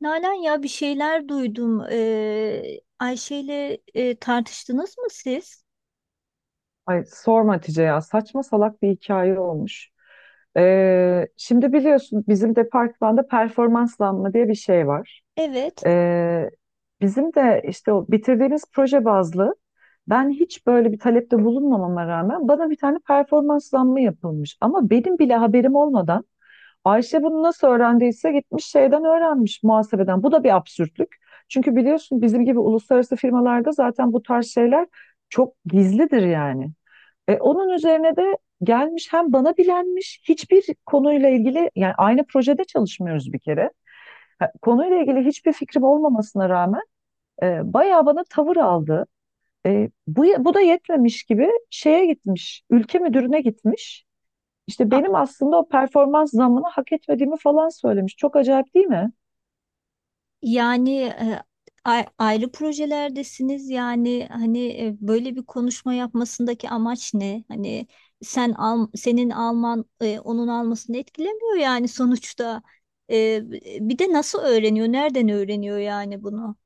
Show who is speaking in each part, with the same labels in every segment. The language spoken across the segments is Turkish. Speaker 1: Nalan, ya bir şeyler duydum. Ayşe'yle tartıştınız mı siz?
Speaker 2: Ay sorma Hatice, ya saçma salak bir hikaye olmuş. Şimdi biliyorsun bizim departmanda performanslanma diye bir şey var.
Speaker 1: Evet.
Speaker 2: Ee, Bizim de işte o bitirdiğimiz proje bazlı, ben hiç böyle bir talepte bulunmamama rağmen bana bir tane performanslanma yapılmış. Ama benim bile haberim olmadan Ayşe bunu nasıl öğrendiyse gitmiş şeyden öğrenmiş, muhasebeden. Bu da bir absürtlük. Çünkü biliyorsun bizim gibi uluslararası firmalarda zaten bu tarz şeyler çok gizlidir yani. Onun üzerine de gelmiş, hem bana bilenmiş hiçbir konuyla ilgili, yani aynı projede çalışmıyoruz bir kere. Ha, konuyla ilgili hiçbir fikrim olmamasına rağmen bayağı bana tavır aldı. Bu da yetmemiş gibi şeye gitmiş, ülke müdürüne gitmiş. İşte
Speaker 1: A-
Speaker 2: benim aslında o performans zammını hak etmediğimi falan söylemiş. Çok acayip değil mi?
Speaker 1: yani e, Ayrı projelerdesiniz. Yani hani, böyle bir konuşma yapmasındaki amaç ne? Hani sen al, senin alman onun almasını etkilemiyor yani sonuçta. E, Bir de nasıl öğreniyor? Nereden öğreniyor yani bunu?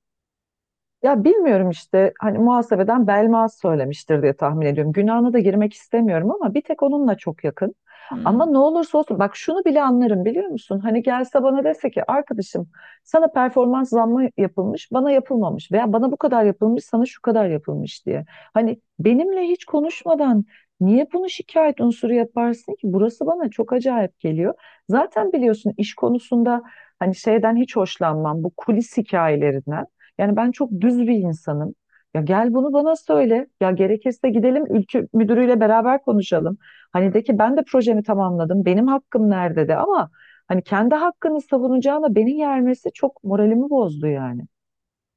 Speaker 2: Ya bilmiyorum işte, hani muhasebeden Belmaz söylemiştir diye tahmin ediyorum. Günahına da girmek istemiyorum ama bir tek onunla çok yakın.
Speaker 1: Hmm.
Speaker 2: Ama ne olursa olsun, bak şunu bile anlarım biliyor musun? Hani gelse bana dese ki arkadaşım, sana performans zammı yapılmış bana yapılmamış, veya bana bu kadar yapılmış sana şu kadar yapılmış diye. Hani benimle hiç konuşmadan niye bunu şikayet unsuru yaparsın ki? Burası bana çok acayip geliyor. Zaten biliyorsun iş konusunda hani şeyden hiç hoşlanmam, bu kulis hikayelerinden. Yani ben çok düz bir insanım. Ya gel bunu bana söyle. Ya gerekirse gidelim ülke müdürüyle beraber konuşalım. Hani de ki ben de projemi tamamladım, benim hakkım nerede de, ama hani kendi hakkını savunacağına beni yermesi çok moralimi bozdu yani.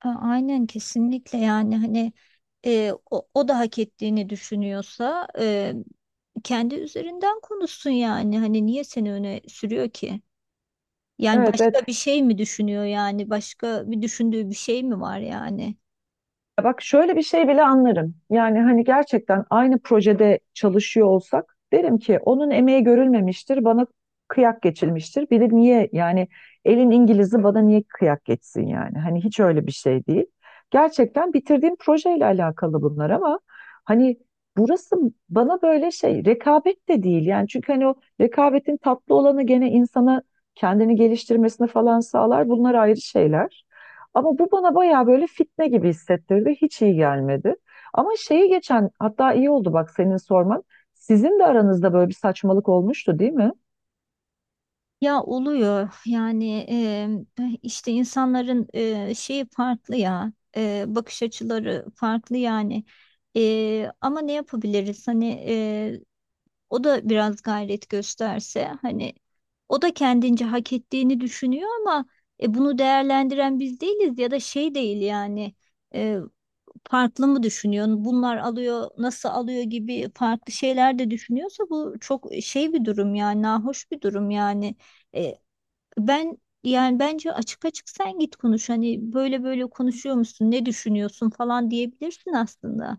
Speaker 1: Aynen, kesinlikle. Yani hani o da hak ettiğini düşünüyorsa, kendi üzerinden konuşsun. Yani hani niye seni öne sürüyor ki? Yani
Speaker 2: Evet,
Speaker 1: başka
Speaker 2: evet.
Speaker 1: bir şey mi düşünüyor, yani başka bir düşündüğü bir şey mi var yani?
Speaker 2: Ya bak şöyle bir şey bile anlarım. Yani hani gerçekten aynı projede çalışıyor olsak derim ki onun emeği görülmemiştir, bana kıyak geçilmiştir. Bir de niye yani elin İngiliz'i bana niye kıyak geçsin yani? Hani hiç öyle bir şey değil. Gerçekten bitirdiğim projeyle alakalı bunlar ama hani, burası bana böyle şey, rekabet de değil yani, çünkü hani o rekabetin tatlı olanı gene insana kendini geliştirmesini falan sağlar. Bunlar ayrı şeyler. Ama bu bana bayağı böyle fitne gibi hissettirdi. Hiç iyi gelmedi. Ama şeyi, geçen hatta iyi oldu bak senin sorman. Sizin de aranızda böyle bir saçmalık olmuştu değil mi?
Speaker 1: Ya, oluyor yani. İşte insanların şeyi farklı ya, bakış açıları farklı yani. Ama ne yapabiliriz hani? O da biraz gayret gösterse hani, o da kendince hak ettiğini düşünüyor ama bunu değerlendiren biz değiliz ya da şey değil yani. e, Farklı mı düşünüyor? Bunlar alıyor, nasıl alıyor gibi farklı şeyler de düşünüyorsa bu çok şey bir durum yani, nahoş bir durum yani. E, ben Yani bence açık açık sen git konuş, hani böyle böyle konuşuyor musun, ne düşünüyorsun falan, diyebilirsin aslında.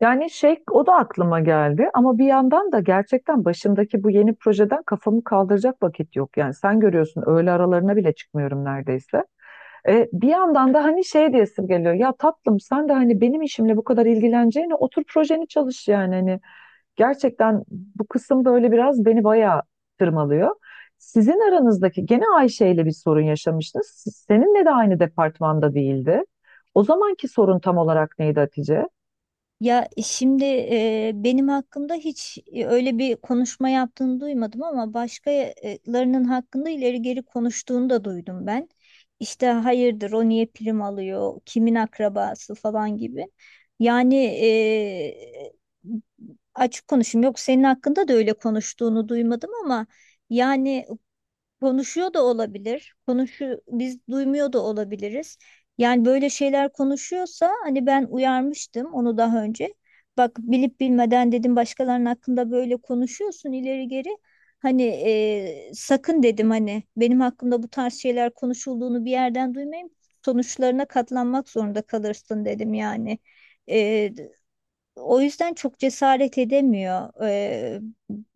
Speaker 2: Yani şey, o da aklıma geldi ama bir yandan da gerçekten başımdaki bu yeni projeden kafamı kaldıracak vakit yok. Yani sen görüyorsun öğle aralarına bile çıkmıyorum neredeyse. Bir yandan da hani şey diyesim geliyor, ya tatlım sen de hani benim işimle bu kadar ilgileneceğine otur projeni çalış yani, hani, gerçekten bu kısım böyle biraz beni bayağı tırmalıyor. Sizin aranızdaki gene Ayşe ile bir sorun yaşamıştınız. Seninle de aynı departmanda değildi. O zamanki sorun tam olarak neydi Hatice?
Speaker 1: Ya şimdi, benim hakkımda hiç öyle bir konuşma yaptığını duymadım ama başkalarının hakkında ileri geri konuştuğunu da duydum ben. İşte hayırdır o niye prim alıyor, kimin akrabası falan gibi. Yani açık konuşayım, yok, senin hakkında da öyle konuştuğunu duymadım ama yani konuşuyor da olabilir. Konuşu biz duymuyor da olabiliriz. Yani böyle şeyler konuşuyorsa hani, ben uyarmıştım onu daha önce. Bak, bilip bilmeden dedim, başkalarının hakkında böyle konuşuyorsun ileri geri. Hani sakın dedim, hani benim hakkımda bu tarz şeyler konuşulduğunu bir yerden duymayayım. Sonuçlarına katlanmak zorunda kalırsın dedim yani. O yüzden çok cesaret edemiyor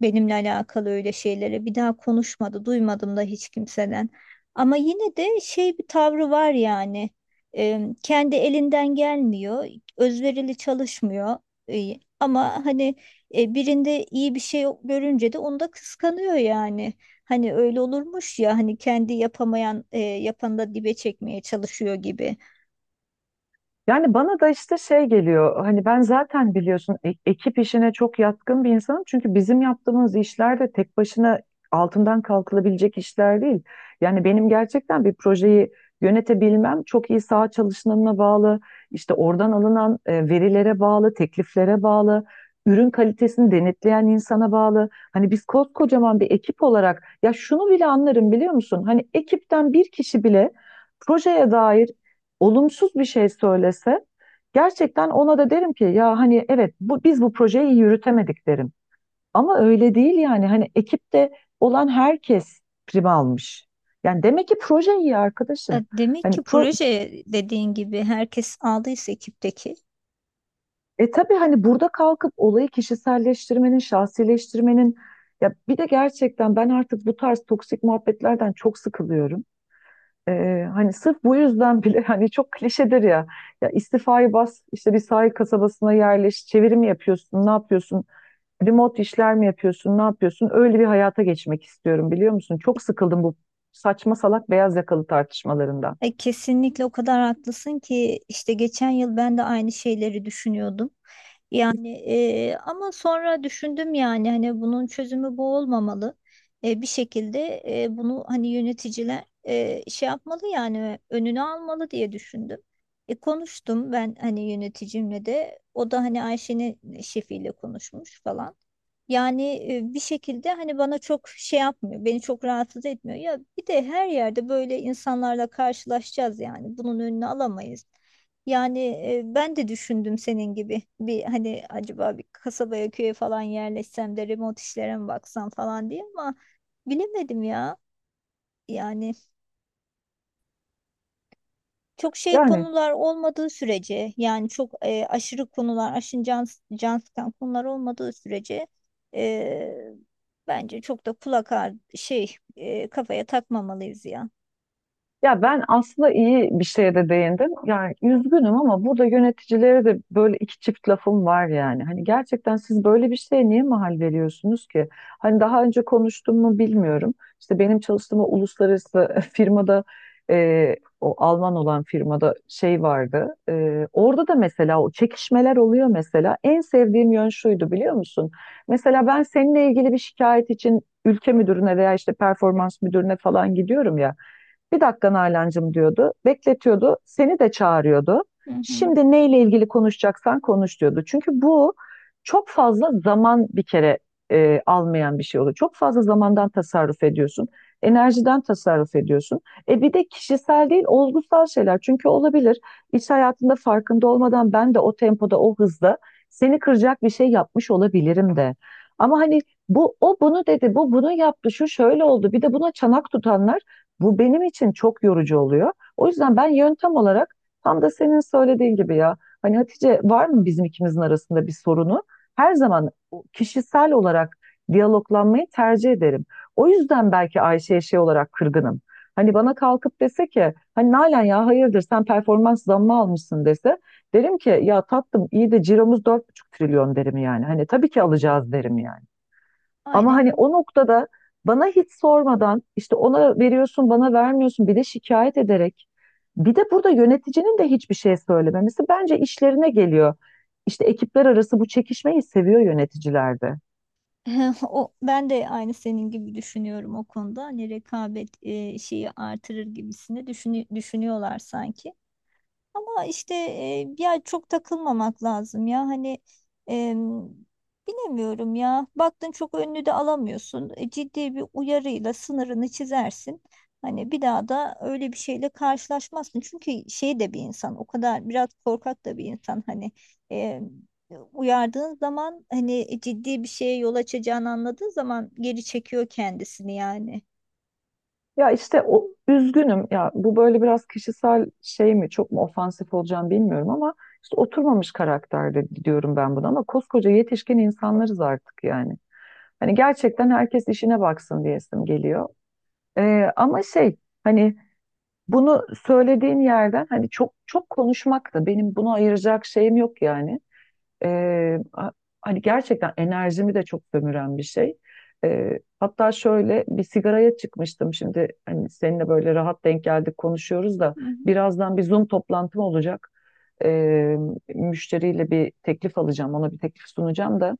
Speaker 1: benimle alakalı öyle şeylere. Bir daha konuşmadı, duymadım da hiç kimseden. Ama yine de şey, bir tavrı var yani. Kendi elinden gelmiyor, özverili çalışmıyor. Ama hani birinde iyi bir şey görünce de onu da kıskanıyor yani. Hani öyle olurmuş ya, hani kendi yapamayan yapanı da dibe çekmeye çalışıyor gibi.
Speaker 2: Yani bana da işte şey geliyor, hani ben zaten biliyorsun ekip işine çok yatkın bir insanım, çünkü bizim yaptığımız işler de tek başına altından kalkılabilecek işler değil. Yani benim gerçekten bir projeyi yönetebilmem çok iyi saha çalışmanına bağlı, işte oradan alınan verilere bağlı, tekliflere bağlı, ürün kalitesini denetleyen insana bağlı. Hani biz koskocaman bir ekip olarak ya, şunu bile anlarım biliyor musun? Hani ekipten bir kişi bile projeye dair olumsuz bir şey söylese, gerçekten ona da derim ki ya hani evet bu, biz bu projeyi iyi yürütemedik derim. Ama öyle değil yani, hani ekipte olan herkes prim almış. Yani demek ki proje iyi arkadaşım.
Speaker 1: Demek
Speaker 2: Hani
Speaker 1: ki
Speaker 2: pro,
Speaker 1: proje, dediğin gibi, herkes aldıysa ekipteki.
Speaker 2: e tabii hani burada kalkıp olayı kişiselleştirmenin, şahsileştirmenin, ya bir de gerçekten ben artık bu tarz toksik muhabbetlerden çok sıkılıyorum. Hani sırf bu yüzden bile hani çok klişedir ya. Ya istifayı bas, işte bir sahil kasabasına yerleş, çeviri mi yapıyorsun, ne yapıyorsun? Remote işler mi yapıyorsun, ne yapıyorsun? Öyle bir hayata geçmek istiyorum biliyor musun? Çok sıkıldım bu saçma salak beyaz yakalı tartışmalarından.
Speaker 1: Kesinlikle, o kadar haklısın ki, işte geçen yıl ben de aynı şeyleri düşünüyordum. Yani ama sonra düşündüm, yani hani bunun çözümü bu olmamalı. Bir şekilde bunu hani yöneticiler şey yapmalı yani, önünü almalı diye düşündüm. Konuştum ben, hani yöneticimle de, o da hani Ayşe'nin şefiyle konuşmuş falan. Yani bir şekilde hani bana çok şey yapmıyor, beni çok rahatsız etmiyor. Ya bir de her yerde böyle insanlarla karşılaşacağız yani. Bunun önünü alamayız. Yani ben de düşündüm senin gibi bir hani, acaba bir kasabaya, köye falan yerleşsem de remote işlere mi baksam falan diye, ama bilemedim ya. Yani çok şey
Speaker 2: Yani.
Speaker 1: konular olmadığı sürece, yani çok aşırı konular, aşırı can, can sıkan konular olmadığı sürece, e, bence çok da kulak ağrı şey, kafaya takmamalıyız ya.
Speaker 2: Ya ben aslında iyi bir şeye de değindim. Yani üzgünüm ama burada yöneticilere de böyle iki çift lafım var yani. Hani gerçekten siz böyle bir şeye niye mahal veriyorsunuz ki? Hani daha önce konuştum mu bilmiyorum. İşte benim çalıştığım o uluslararası firmada e, o Alman olan firmada şey vardı. Orada da mesela o çekişmeler oluyor mesela. En sevdiğim yön şuydu biliyor musun? Mesela ben seninle ilgili bir şikayet için ülke müdürüne veya işte performans müdürüne falan gidiyorum ya. Bir dakika Nalan'cığım diyordu. Bekletiyordu. Seni de çağırıyordu.
Speaker 1: Hı hı.
Speaker 2: Şimdi neyle ilgili konuşacaksan konuş diyordu. Çünkü bu çok fazla zaman bir kere almayan bir şey oluyor. Çok fazla zamandan tasarruf ediyorsun. Enerjiden tasarruf ediyorsun. Bir de kişisel değil, olgusal şeyler. Çünkü olabilir. İş hayatında farkında olmadan ben de o tempoda, o hızda seni kıracak bir şey yapmış olabilirim de. Ama hani bu o bunu dedi, bu bunu yaptı, şu şöyle oldu. Bir de buna çanak tutanlar, bu benim için çok yorucu oluyor. O yüzden ben yöntem olarak tam da senin söylediğin gibi ya. Hani Hatice, var mı bizim ikimizin arasında bir sorunu? Her zaman o kişisel olarak diyaloglanmayı tercih ederim. O yüzden belki Ayşe'ye şey olarak kırgınım. Hani bana kalkıp dese ki hani Nalan ya hayırdır sen performans zammı almışsın dese, derim ki ya tatlım iyi de ciromuz 4,5 trilyon derim yani. Hani tabii ki alacağız derim yani. Ama hani
Speaker 1: Aynen.
Speaker 2: o noktada bana hiç sormadan işte ona veriyorsun bana vermiyorsun, bir de şikayet ederek, bir de burada yöneticinin de hiçbir şey söylememesi bence işlerine geliyor. İşte ekipler arası bu çekişmeyi seviyor yöneticilerde.
Speaker 1: O, ben de aynı senin gibi düşünüyorum o konuda. Hani rekabet şeyi artırır gibisini düşünüyorlar sanki. Ama işte ya çok takılmamak lazım ya hani, em, bilemiyorum ya, baktın çok önünü de alamıyorsun, ciddi bir uyarıyla sınırını çizersin, hani bir daha da öyle bir şeyle karşılaşmazsın, çünkü şey de bir insan o kadar, biraz korkak da bir insan hani, em, uyardığın zaman hani ciddi bir şeye yol açacağını anladığı zaman geri çekiyor kendisini yani.
Speaker 2: Ya işte o üzgünüm ya, bu böyle biraz kişisel şey mi çok mu ofansif olacağım bilmiyorum ama işte oturmamış karakterde diyorum ben buna, ama koskoca yetişkin insanlarız artık yani. Hani gerçekten herkes işine baksın diyesim geliyor. Ama şey hani, bunu söylediğin yerden hani çok çok konuşmak da benim bunu ayıracak şeyim yok yani. Ee, a- hani gerçekten enerjimi de çok sömüren bir şey. Hatta şöyle bir sigaraya çıkmıştım, şimdi hani seninle böyle rahat denk geldik konuşuyoruz da
Speaker 1: Hı hı.
Speaker 2: birazdan bir Zoom toplantım olacak. Ee, müşteriyle bir teklif alacağım, ona bir teklif sunacağım da.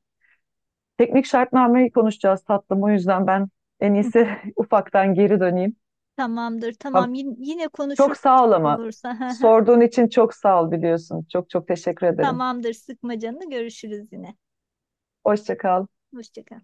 Speaker 2: Teknik şartnameyi konuşacağız tatlım, o yüzden ben en iyisi ufaktan geri döneyim.
Speaker 1: Tamamdır,
Speaker 2: Ha-
Speaker 1: tamam. Yine
Speaker 2: çok
Speaker 1: konuşuruz bir
Speaker 2: sağ ol
Speaker 1: şey
Speaker 2: ama.
Speaker 1: olursa.
Speaker 2: Sorduğun için çok sağ ol biliyorsun. Çok çok teşekkür ederim.
Speaker 1: Tamamdır, sıkma canını. Görüşürüz yine.
Speaker 2: Hoşça kal.
Speaker 1: Hoşça kal.